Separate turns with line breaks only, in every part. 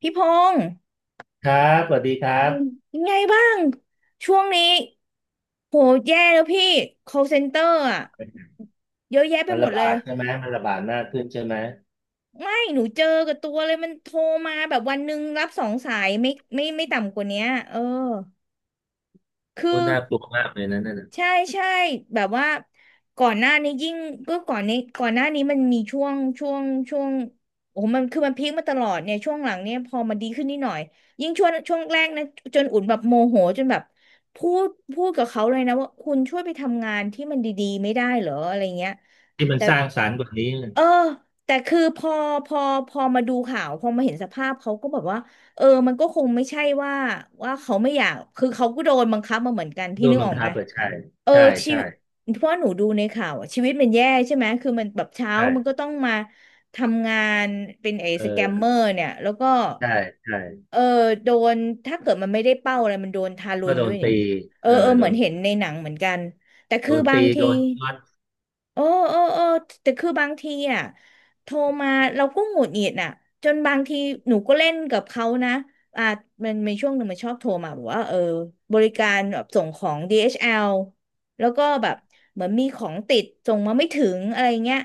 พี่พงษ์
ครับสวัสดีครั
อืม
บ
ยังไงบ้างช่วงนี้โหแย่แล้วพี่ call center อ่ะเยอะแยะไป
มัน
หม
ระ
ดเล
บา
ย
ดใช่ไหมมันระบาดมากขึ้นใช่ไหม
ไม่หนูเจอกับตัวเลยมันโทรมาแบบวันหนึ่งรับสองสายไม่ต่ำกว่าเนี้ยเออคื
โอ้
อ
น่ากลัวมากเลยนะนั่นน่ะ
ใช่ใช่แบบว่าก่อนหน้านี้ยิ่งก็ก่อนนี้ก่อนหน้านี้มันมีช่วงช่วงโอ้โหมันคือมันพีคมาตลอดเนี่ยช่วงหลังเนี่ยพอมันดีขึ้นนิดหน่อยยิ่งช่วงแรกนะจนอุ่นแบบโมโหจนแบบพูดพูดกับเขาเลยนะว่าคุณช่วยไปทำงานที่มันดีๆไม่ได้เหรออะไรเงี้ย
ที่มัน
แต่
สร้างสรรค์กว่านี้
เออแต่คือพอพอมาดูข่าวพอมาเห็นสภาพเขาก็แบบว่าเออมันก็คงไม่ใช่ว่าเขาไม่อยากคือเขาก็โดนบังคับมาเหมือนกันพี่
โดน
นึก
บั
อ
ง
อก
คั
ไหม
บเปิดใช่
เออ
ใช่
ชี
ใช่
วตเพราะหนูดูในข่าวอะชีวิตมันแย่ใช่ไหมคือมันแบบเช้ามันก็
ใช่
ต้องมาทำงานเป็นไอ้
เอ
สแกมเม
อ
อร์เนี่ยแล้วก็
ใช่ใช่
เออโดนถ้าเกิดมันไม่ได้เป้าอะไรมันโดนทารุ
ก็
ณ
โด
ด้ว
น
ยนี่
ตี
เออ
เออ
เออเห
โด
มือ
น
นเห็
ตี
นในหนังเหมือนกันแต่
โด
คือ
น
บา
ตี
งที
โดนช็อต
เออเออแต่คือบางทีอ่ะโทรมาเราก็หงุดหงิดอ่ะจนบางทีหนูก็เล่นกับเขานะอ่ามันมีช่วงหนึ่งมันชอบโทรมาบอกว่าเออบริการแบบส่งของ DHL แอลแล้วก็แบบเหมือนมีของติดส่งมาไม่ถึงอะไรเงี้ย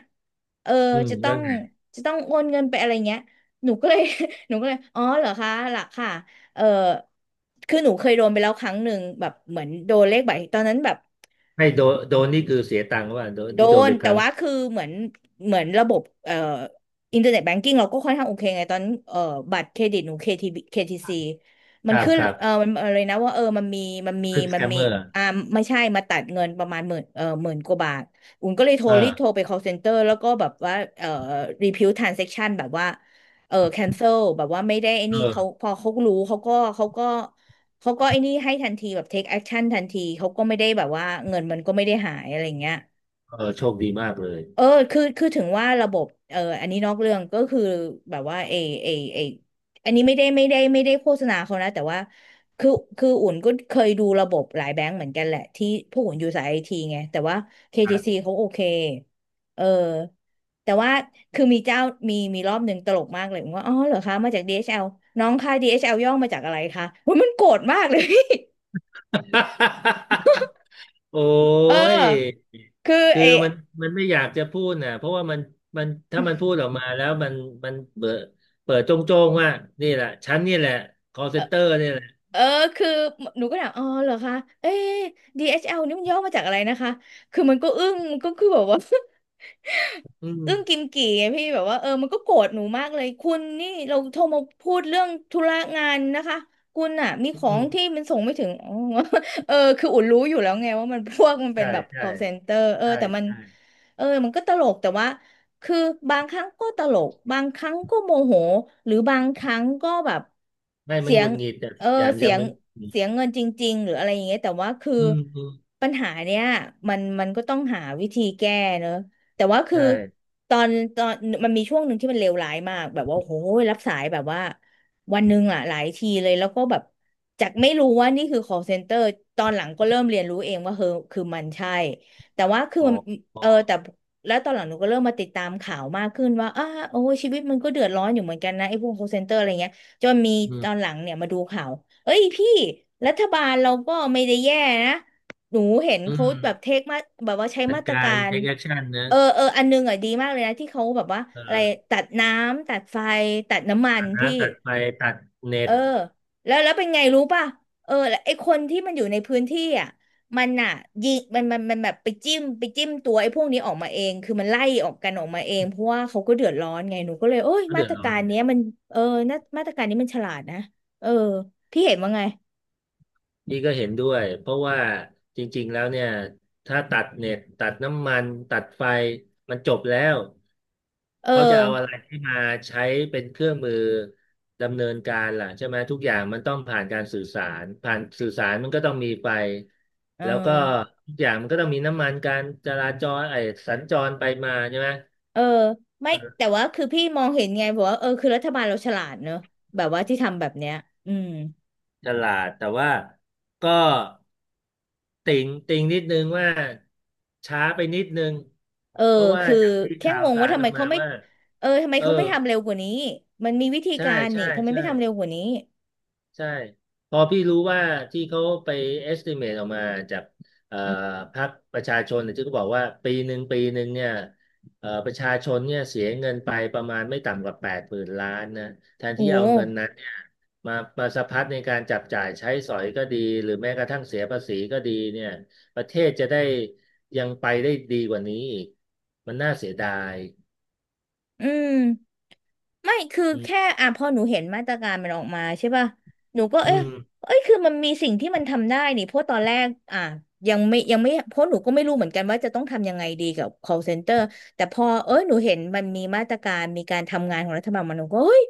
เออ
อืม
จะต้อ
แล้ว
ง
ไง
จะต้องโอนเงินไปอะไรเงี้ยหนูก็เลย หนูก็เลยอ๋อเหรอคะหลักค่ะเออคือหนูเคยโดนไปแล้วครั้งหนึ่งแบบเหมือนโดนเลขบัตรตอนนั้นแบบ
ไม่โดนโดนนี่คือเสียตังค์ว่าโดน
โด
ที่โดน
น
ไปค
แต่
รั้ง
ว่าคือเหมือนระบบอินเทอร์เน็ตแบงกิ้งเราก็ค่อนข้างโอเคไงตอนบัตรเครดิตหนูเคที t c
ค
มัน
รับ
ขึ้น
ครับ
มันอะไรนะว่าเออมันมี
คลิปส
มั
แก
น
ม
มี
เมอร์
อ่าไม่ใช่มาตัดเงินประมาณหมื่นหมื่นกว่าบาทอุ่นก็เลยโทร
เออ
รีบโทรไป call center แล้วก็แบบว่าrefuse transaction แบบว่าเออ cancel แบบว่าไม่ได้ไอ้
เอ
นี่
อ
เขาพอเขารู้เขาก็ไอ้นี่ให้ทันทีแบบ take action ทันทีเขาก็ไม่ได้แบบว่าเงินมันก็ไม่ได้หายอะไรเงี้ย
เออโชคดีมากเลย
เออคือถึงว่าระบบเอออันนี้นอกเรื่องก็คือแบบว่าเอเอเออันนี้ไม่ได้โฆษณาเขานะแต่ว่าคือคืออุ่นก็เคยดูระบบหลายแบงก์เหมือนกันแหละที่พวกอุ่นอยู่สายไอทีไงแต่ว่า
ครั
KTC เขาโอเคเออแต่ว่าคือมีเจ้ามีรอบหนึ่งตลกมากเลยผมว่าอ๋อเหรอคะมาจาก DHL น้องค่ะ DHL ย่อมาจากอะไรคะโอ้ยมันโกรธมากเลย
บ โอ้
เอ
ย
อคือ
คือ
เอ
มันไม่อยากจะพูดน่ะเพราะว่ามันถ้ามันพูดออกมาแล้วมันเปิดโจ้งๆว่านี่แหละฉันนี่แหละคอลเซ็นเตอร์นี่แหละ
เออคือหนูก็ถามอ๋อเหรอคะเอ๊ะ d อชแอลนี่มันย่อมาจากอะไรนะคะคือมันก็อึ้งก็คือแบบว่า
อื
เรื่องกิ
ม
มกี่ไงพี่แบบว่าเออมันก็โกรธหนูมากเลยคุณนี่เราโทรมาพูดเรื่องธุระงานนะคะคุณอ่ะมี
อื
ของที่
ม
มันส่งไม่ถึงอ๋อ เออคืออุ่นรู้อยู่แล้วไงว่ามัน พวกมันเป็
ใช่
นแบบ
ใช่
call center เออ
ใช่
แต่มัน
ใช่
เออมันก็ตลกแต่ว่าคือบางครั้งก็ตลกบางครั้งก็โมโหหรือบางครั้งก็แบบ
ไม่มั
เสี
น
ย
หงุ
ง
ดหงิดแต่
เอ
ส่
อ
วนใหญ่มัน
เสี
จะ
ยง
มันหงุดหงิด
เสียงเงินจริงๆหรืออะไรอย่างเงี้ยแต่ว่าคือ
อืมอืม
ปัญหาเนี้ยมันก็ต้องหาวิธีแก้เนอะ แต่ว่าคือ
ใช่
ตอนตอนมันมีช่วงหนึ่งที่มันเลวร้ายมากแบบว่าโอ้โหรับสายแบบว่าวันหนึ่งอ่ะหลายทีเลยแล้วก็แบบจากไม่รู้ว่านี่คือ call center ตอนหลังก็เริ่มเรียนรู้เองว่าเออคือมันใช่แต่ว่าคือ
อ๋อ
มัน
กอ๋อ
เออแต่
ก
แล้วตอนหลังหนูก็เริ่มมาติดตามข่าวมากขึ้นว่าอ้าโอ้ยชีวิตมันก็เดือดร้อนอยู่เหมือนกันนะไอ้พวก call center อะไรเงี้ยจนมี
อื
ตอน
ม
หลังเนี่ยมาดูข่าวเอ้ยพี่รัฐบาลเราก็ไม่ได้แย่นะ หนูเห็น
อื
เขา
ม
แบบเทคมาแบบว่าใช้
จัด
มาตร
กา
กา
ร
ร
take action นะ
เอออันนึงอ่ะดีมากเลยนะที่เขาแบบว่า
เอ
อะไร
อ
ตัดน้ำตัดไฟตัดน้ำมัน
ตัด
พี่
น้ำตัดไฟตัดเน็
เออ
ต
แล้วแล้วเป็นไงรู้ป่ะเออแล้วไอ้คนที่มันอยู่ในพื้นที่อ่ะมันอ่ะยิงมันแบบไปจิ้มตัวไอ้พวกนี้ออกมาเองคือมันไล่ออกกันออกมาเองเพราะว่าเขาก็เดือดร้อนไงหนูก็เลยโอ้ย
ก็
มา
เดือ
ต
ด
ร
ร้อ
กา
น
รเนี้ยมันเออนามาตรการนี้มันฉลาดนะเออพี่เห็นว่าไง
นี่ก็เห็นด้วยเพราะว่าจริงๆแล้วเนี่ยถ้าตัดเน็ตตัดน้ำมันตัดไฟมันจบแล้ว
เออ
เขาจะเอาอะไรที่มาใช้เป็นเครื่องมือดำเนินการล่ะใช่ไหมทุกอย่างมันต้องผ่านการสื่อสารผ่านสื่อสารมันก็ต้องมีไฟ
เออ
แล้วก็ทุกอย่างมันก็ต้องมีน้ำมันการจราจรไอ้สัญจรไปมาใช่ไหม
เออไม่แต่ว่าคือพี่มองเห็นไงบอกว่าเออคือรัฐบาลเราฉลาดเนอะแบบว่าที่ทำแบบเนี้ยอืม
ฉลาดแต่ว่าก็ติ่งนิดนึงว่าช้าไปนิดนึง
เออ
เพราะว่า
คือ
จากที่
แค่
ข่าว
งง
สา
ว่า
ร
ทำ
อ
ไม
อก
เขา
มา
ไม่
ว่า
เออทำไม
เออ
เขาไม่ทำเร็วกว่านี้มันมีวิธี
ใช่
การ
ใช่
นี่ทำไม
ใช่
ไม่ทำเร็วกว่านี้
ใช่พอพี่รู้ว่าที่เขาไป estimate ออกมาจากเอ่อ
อืม
พรรคประชาชนเนี่ยที่เขาบอกว่าปีหนึ่งปีหนึ่งเนี่ยประชาชนเนี่ยเสียเงินไปประมาณไม่ต่ำกว่าแปดหมื่นล้านนะแทน
โอ้
ที่
โห
เอาเงินนั้นเนี่ยมามาสะพัดในการจับจ่ายใช้สอยก็ดีหรือแม้กระทั่งเสียภาษีก็ดีเนี่ยประเทศจะได้ยังไปได้ดีกว่านี้อีกมันน่าเสียดาย
อืม ไม่คือ
อื
แค่
ม
อ่ะพอหนูเห็นมาตรการมันออกมาใช่ป่ะหนูก็
อื
เอ๊ะ
ม
เอ้ยคือมันมีสิ่งที่มันทำได้นี่เพราะตอนแรกอ่ะยังไม่เพราะหนูก็ไม่รู้เหมือนกันว่าจะต้องทำยังไงดีกับ call center แต่พอเอ้ยหนูเห็นมันมีมาตรการมีการทำงานของรัฐบาลมันหนูก็เฮ้ย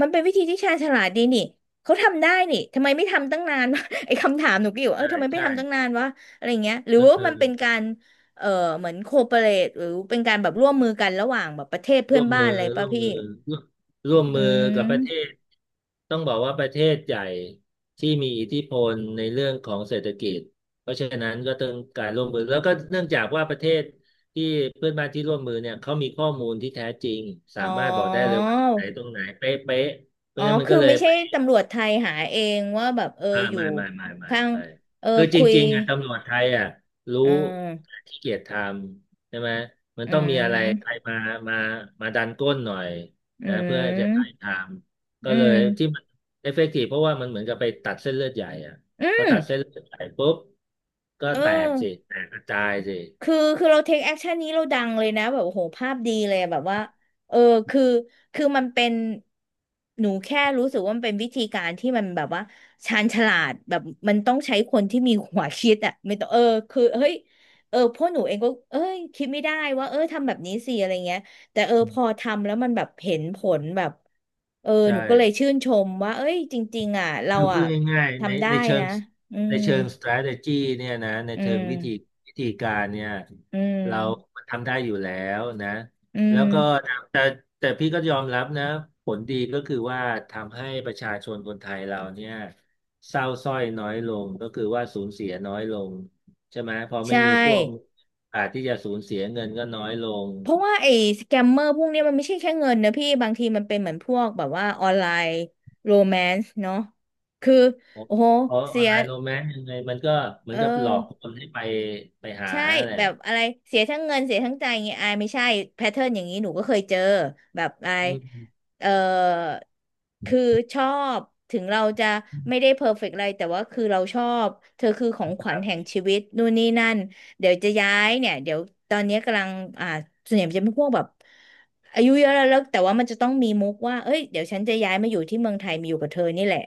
มันเป็นวิธีที่ชาญฉลาดดีนี่เขาทำได้นี่ทำไมไม่ทำตั้งนาน ไอ้คำถามหนูก็อยู่ว่าเอ
ใช่
อทำไมไม่
ใช่
ทำตั้งนานวะอะไรเงี้ยหรือว่า
เอ
มั
อ
นเป็นการเออเหมือนโคเปเรทหรือเป็นการแบบร่วมมือกันระหว่างแบบประเทศเพื่
ร่
อ
ว
น
ม
บ้า
มื
น
อ
อะไรป่ะ
ร่วม
พี่
มือร่วมร่วม
อื
มือกับป
ม
ระเทศต้องบอกว่าประเทศใหญ่ที่มีอิทธิพลในเรื่องของเศรษฐกิจเพราะฉะนั้นก็ต้องการร่วมมือแล้วก็เนื่องจากว่าประเทศที่เพื่อนบ้านที่ร่วมมือเนี่ยเขามีข้อมูลที่แท้จริงสา
อ๋อ
มารถบอกได้เลยว่าที่ไหนตรงไหนเป๊ะๆเพราะ
อ๋อ
ฉะนั้นมัน
คือ
ก็เลย
ไม่ใช่ตำรวจไทยหาเองว่าแบบเออ
อ่า
อยู่
ไม่ไม่ไม่ไม่
ข้าง
ไม่
เออ
คือจ
คุย
ริงๆอ่ะตำรวจไทยอ่ะรู้
เออ
ขี้เกียจทำใช่ไหมมัน
อื
ต้องมีอะไรใคร
ม
มามามาดันก้นหน่อย
อื
นะเพื่อจะได้
ม
ทำก็
อื
เลย
ม
ที่มันเอฟเฟกตีฟเพราะว่ามันเหมือนกับไปตัดเส้นเลือดใหญ่อ่ะ
อื
พอตัดเส้น
ม
เลือดใหญ่ปุ๊บก็
เอ
แตกสิ
อ
แตกกระจายสิ
คือคือเราเทคแอคชั่นนี้เราดังเลยนะแบบโอ้โหภาพดีเลยแบบว่าเออคือคือมันเป็นหนูแค่รู้สึกว่ามันเป็นวิธีการที่มันแบบว่าชาญฉลาดแบบมันต้องใช้คนที่มีหัวคิดอ่ะไม่ต้องเออคือเฮ้ยเออพวกหนูเองก็เอ้ยคิดไม่ได้ว่าเออทำแบบนี้สิอะไรเงี้ยแต่เออ
อื
พอ
ม
ทำแล้วมันแบบเห็นผลแบบเออ
ใช
หนูก็เลย
่
ชื่นชมว่าเอ้ยจริงๆอ่ะเรา
คือพู
อ่ะ
ดง่ายๆใน
ทำได้
ในเชิ
นะ
ง
อื
ใน
ม
เชิง strategy เนี่ยนะใน
อื
เชิงวิธี
ม
วิธีการเนี่ย
อื
เรา
ม
ทำได้อยู่แล้วนะ
อื
แล้ว
ม
ก็แต่แต่แต่พี่ก็ยอมรับนะผลดีก็คือว่าทำให้ประชาชนคนไทยเราเนี่ยเศร้าสร้อยน้อยลงก็คือว่าสูญเสียน้อยลงใช่ไหมพอไม่
ใช่
มีพวกอาจที่จะสูญเสียเงินก็น้อยลง
เพราะว่าไอ้สแกมเมอร์พวกเนี้ยมันไม่ใช่แค่เงินนะพี่ บางทีมันเป็นเหมือนพวกแบบว่าออนไลน์โรแมนซ์เนาะคือโอ้โห
อ
เสี
อน
ย
ไลน์โรแมนต์ยังไงมันก็เหมือ
เอ
นกับหลอก
อ
คนให้ไปหา
ใช่
แหละ
แบบอะไรเสียทั้งเงินเสียทั้งใจอย่างเงี้ยอายไม่ใช่แพทเทิร์นอย่างนี้หนูก็เคยเจอแบบอาย
อืม
เออคือชอบถึงเราจะไม่ได้เพอร์เฟกต์อะไรแต่ว่าคือเราชอบเธอคือของข
ค
วั
รั
ญ
บ
แห่งชีวิตนู่นนี่นั่นเดี๋ยวจะย้ายเนี่ยเดี๋ยวตอนเนี้ยกำลังอ่าส่วนใหญ่มันจะเป็นพวกแบบอายุเยอะแล้วแล้วแต่ว่ามันจะต้องมีมุกว่าเอ้ยเดี๋ยวฉันจะย้ายมาอยู่ที่เมืองไทยมาอยู่กับเธอนี่แหละ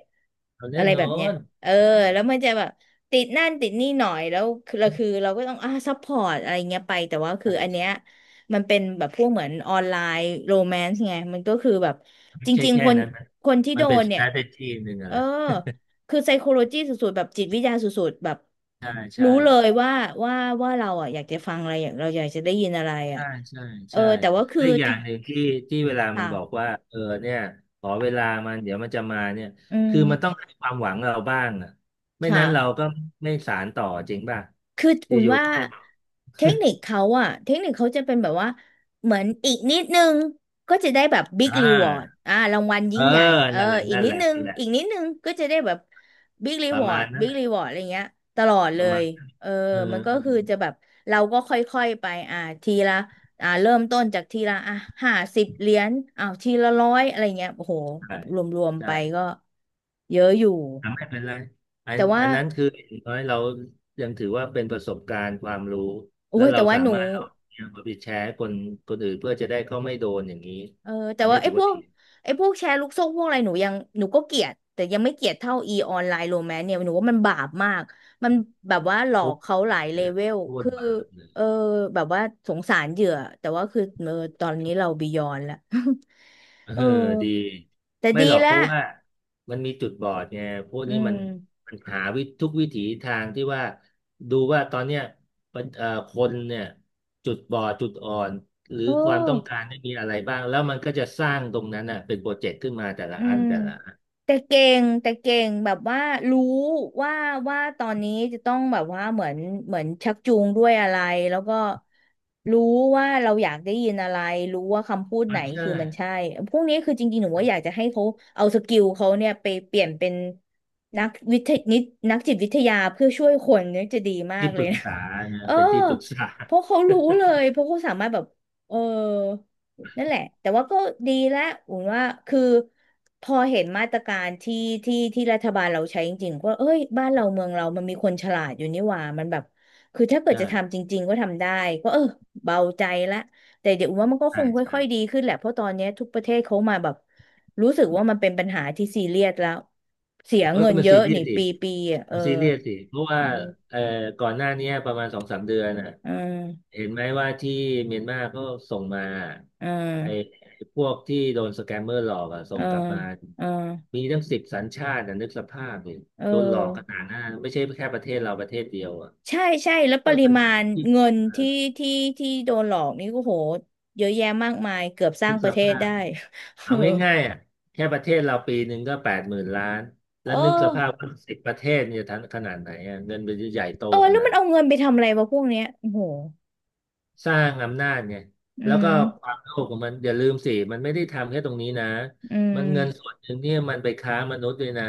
เอาแน่
อะไร
น
แบ
อ
บเนี้ย
น
เออแล้วมันจะแบบ ติดนั่นติดนี่หน่อยแล้วคือเราก็ต้องอ่าซัพพอร์ตอะไรเงี้ยไปแต่ว่าคือ
ใช่
อันเนี้ย
ใช่
มันเป็นแบบพวกเหมือนออนไลน์โรแมนซ์ไงมันก็คือแบบ
ไม่
จ
ใช่
ริง
แค่
ๆคน
นั้นนะ
คนที่
มั
โด
นเป็น
นเนี่ย
strategy หนึ่งอะ
เอ
แห
อ
ละ
คือไซโคโลจีสุดๆแบบจิตวิทยาสุดๆแบบ
ใช่ใช่
รู้เลยว่าว่าเราอ่ะอยากจะฟังอะไรอยากเราอยากจะได้ยินอะไรอ่ะ
ใช่ใช่
เออ
ใช่
แต่ว่าคือ
และอีกอย่า
ถ้า
งหนึ่งที่เวลามันบอก
ค่ะ
ว่าเออเนี่ยขอเวลามันเดี๋ยวมันจะมาเนี่ย
อื
คือมันต้อง
ม
ให้ความหวังเราบ้างอ่ะไม่นั้นเรา
ค่ะ
ก็ไม่สานต่อจริงป่ะ
คืออุ่น
อยู่
ว่า
ๆก็ไปบอก
เทคนิคเขาอะเทคนิคเขาจะเป็นแบบว่าเหมือนอีกนิดนึงก็จะได้แบบบิ๊ก
อ่
รีวอร์ด
า
อ่ารางวัล
เอ
ยิ่
อ
งใหญ่เออ
นั่นแหละ
อีก
นั่น
นิ
แห
ด
ละ
นึง
นั่นแหละ
อีกนิดนึงก็จะได้แบบบิ๊กรี
ประ
วอร์
มา
ด
ณนั้น
บิ๊
แห
ก
ละ
รีวอร์ดอะไรเงี้ยตลอด
ป
เล
ระมา
ย
ณเอ
เออ
อ
มันก็
เออ
คือจะแบบเราก็ค่อยๆไปอ่าทีละอ่าเริ่มต้นจากทีละอ่ะ50 เหรียญอ้าวทีละ100อะไรเงี้ยโอ้โห
ใช่
รวมๆ
ใช่
ไปก็เยอะอยู่
อ่ะไม่เป็นไรอั
แต่
น
ว่า
อันนั้นคืออย่างน้อยเรายังถือว่าเป็นประสบการณ์ความรู้
โอ้
แล้ว
ย
เรา
แต่ว่า
สา
หนู
มารถเอาเนี่ยมาไปแชร์ให้คนอื่นเพื่อจะได้เขาไม่โดนอย่างนี้
เออแต่
อันนี้
ว่าไอ้
ถือ
พ
ว่า
วก
ดี
ไอ้พวกแชร์ลูกโซ่พวกอะไรหนูยังหนูก็เกลียดแต่ยังไม่เกลียดเท่าอีออนไลน์โรแมนเนี่ยหนูว่ามันบาปมากมันแบบว่าหลอ
พู
ก
ด
เขาห
บา
ลา
ป
ย
เล
เล
ยล่ะ
เวล
โทษ
คือ
บาปเลย
เออแบบว่าสงสารเหยื่อแต่ว่าคือเออตอนนี้เราบียอนแล้ว
เอ อ
เออ
ดี
แต่
ไม่
ดี
หรอก
แล้
เพ
ว
ราะว่ามันมีจุดบอดไงพวก
อื
นี้มัน
ม
มันหาวิธทุกวิถีทางที่ว่าดูว่าตอนเนี้ยมันคนเนี่ยจุดบอดจุดอ่อนหรือ
เออ
ความต้องการไม่มีอะไรบ้างแล้วมันก็จะสร้างตรงนั้นน่ะเป็นโปรเจกต์ขึ้นมาแต่ละ
อื
อัน
ม
แต่ละอัน
แต่เก่งแบบว่ารู้ว่าว่าตอนนี้จะต้องแบบว่าเหมือนชักจูงด้วยอะไรแล้วก็รู้ว่าเราอยากได้ยินอะไรรู้ว่าคำพูด
อ
ไห
อ
น
ใช่
คือมันใช่พวกนี้คือจริงๆหนูว่าอยากจะให้เขาเอาสกิลเขาเนี่ยไปเปลี่ยนเป็นนักวิทยนินักจิตวิทยาเพื่อช่วยคนเนี่ยจะดีมา
ที่
กเล
ป
ย
รึก
นะ
ษา
เอ
นะ
อ
เป็นที่ปรึกษา
เพราะเขารู้เลยเพราะเขาสามารถแบบเออ นั่นแหละแต่ว่าก็ดีแล้วอุนว่าคือพอเห็นมาตรการที่ที่รัฐบาลเราใช้จริงๆว่าเอ้ยบ้านเราเมืองเรามันมีคนฉลาดอยู่นี่หว่ามันแบบคือถ้าเกิด
ใช่
จะทำจริงๆก็ทำได้ก็เออเบาใจละแต่เดี๋ยวอุนว่ามันก็ค
ใช่
ง
ใช่
ค่อยๆดีขึ้นแหละเพราะตอนเนี้ยทุกประเทศเขามาแบบรู้สึกว่ามันเป็นปัญหาที่ซีเรียสแล้วเสีย
เอ้ย
เงิน
มัน
เย
ซี
อะ
เรีย
นี่
สดิ
ปีปีอ่ะเอ
มั
อ
นซีเรียสดิเพราะว่า
อืม
เอ่อก่อนหน้าเนี้ยประมาณ2-3 เดือนน่ะ
อืม
เห็นไหมว่าที่เมียนมาก็ส่งมา
อื
ไอ้
ม
ไอ้พวกที่โดนสแกมเมอร์หลอกอะส่งกลับมา
อืม
มีตั้ง10 สัญชาตินะนึกสภาพดิ
เออ
โดนหลอกขนาดนั้นไม่ใช่แค่ประเทศเราประเทศเดียวอะ
ใช่ใช่แล้วป
เพื่อ
ริ
ขนา
มา
ด
ณ
ที่
เงิ
ใหญ่
น
มา
ที่
ก
ที่ที่โดนหลอกนี่ก็โหเยอะแยะมากมายเกือบส
นึ
ร้าง
ก
ป
ส
ระเทศ
ภาพ
ได้
เอาง่ายๆอะแค่ประเทศเราปีหนึ่งก็แปดหมื่นล้าน แล้
เอ
ว
อ
นึกส
เออ
ภาพว่า10 ประเทศเนี่ยทั้งขนาดไหนอะเงินมันจะใหญ่โต
เออ
ข
แล้ว
นา
มั
ด
นเอาเงินไปทำอะไรวะพวกเนี้ยโอ้โห
สร้างอำนาจเนี่ย
อื
แล้วก็
ม
อความโลภของมันอย่าลืมสิมันไม่ได้ทำแค่ตรงนี้นะ
อื
มัน
ม
เงินส่วนหนึ่งเนี่ยมันไปค้ามนุษย์ด้วยนะ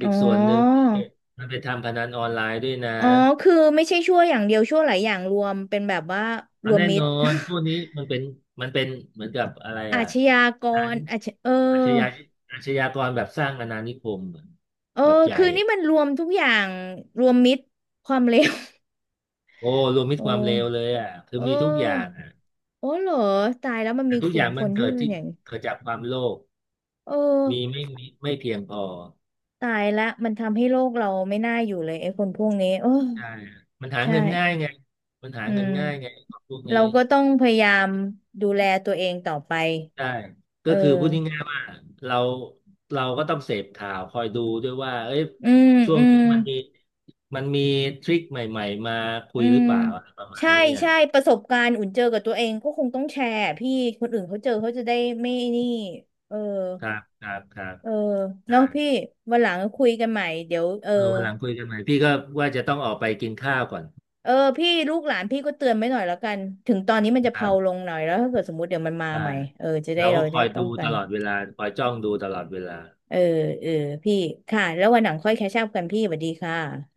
อี
อ๋อ
กส่วนหนึ่งเนี่ยมันไปทำพนันออนไลน์ด้วยนะ
อ๋อคือไม่ใช่ชั่วอย่างเดียวชั่วหลายอย่างรวมเป็นแบบว่าร
เอา
วม
แน่
มิ
น
ต
อ
ร
นพวกนี้มันเป็นมันเป็นเหมือนกับอะไร
อา
อ่ะ
ชญาก
การ
รอาชเออ
อาชญาอาชญากรแบบสร้างอาณานิคม
เออ
แบบใหญ่
คือนี่มันรวมทุกอย่างรวมมิตรความเลว
โอ้รวมมิต
โอ้
รความเลวเลยอ่ะคื
เ
อมีทุกอย่าง
ออ
อ่ะ
โอ้เหรอตายแล้วมัน
แต่
มี
ทุ
ก
กอ
ลุ่ม
ย่าง
ค
มัน
นที่
เกิด
เป็น
ที่
อย่างนี้
เกิดจากความโลภ
เออ
มีไม่มีไม่เพียงพอ
ตายละมันทำให้โลกเราไม่น่าอยู่เลยไอ้คนพวกนี้โอ้
ใช่มันหา
ใช่
เงินง่ายไงมันหา
อื
เงิน
ม
ง่ายไงของพวกนี้
เราก็ต้องพยายามดูแลตัวเองต่อไป
ใช่ก็
เออ
คือพูดง่ายๆว่าเราเราก็ต้องเสพข่าวคอยดูด้วยว่าเอ้ย
อืม
ช่ว
อื
ง
ม
นี้มันมีทริคใหม่ๆมาคุ
อื
ยห
ม
รือเปล่าอะไรประมาณ
ใช่
นี้อ่ะ
ใช่ประสบการณ์อุ่นเจอกับตัวเองก็คงต้องแชร์พี่คนอื่นเขาเจอเขาจะได้ไม่นี่เออ
ครับครับครับ
เออ
ได้
เนาะพี่วันหลังคุยกันใหม่เดี๋ยวเออ
เออวันหลังคุยกันใหม่พี่ก็ว่าจะต้องออกไปกินข้าวก่อน
เออพี่ลูกหลานพี่ก็เตือนไว้หน่อยแล้วกันถึงตอนนี้มันจะ
ค
เพ
รั
ลาล
บ
งหน่อยแล้วถ้าเกิดสมมติเดี๋ยวมันมา
ได้
ใหม่เออจะได้
เรา
เรา
ก็
จะ
คอ
ได้
ย
ป้อ
ดู
งกั
ต
น
ลอดเวลาคอยจ้องดูตลอดเวลา
เออเออพี่ค่ะแล้ววันหลังค่อยแคชอัพกันพี่สวัสดีค่ะ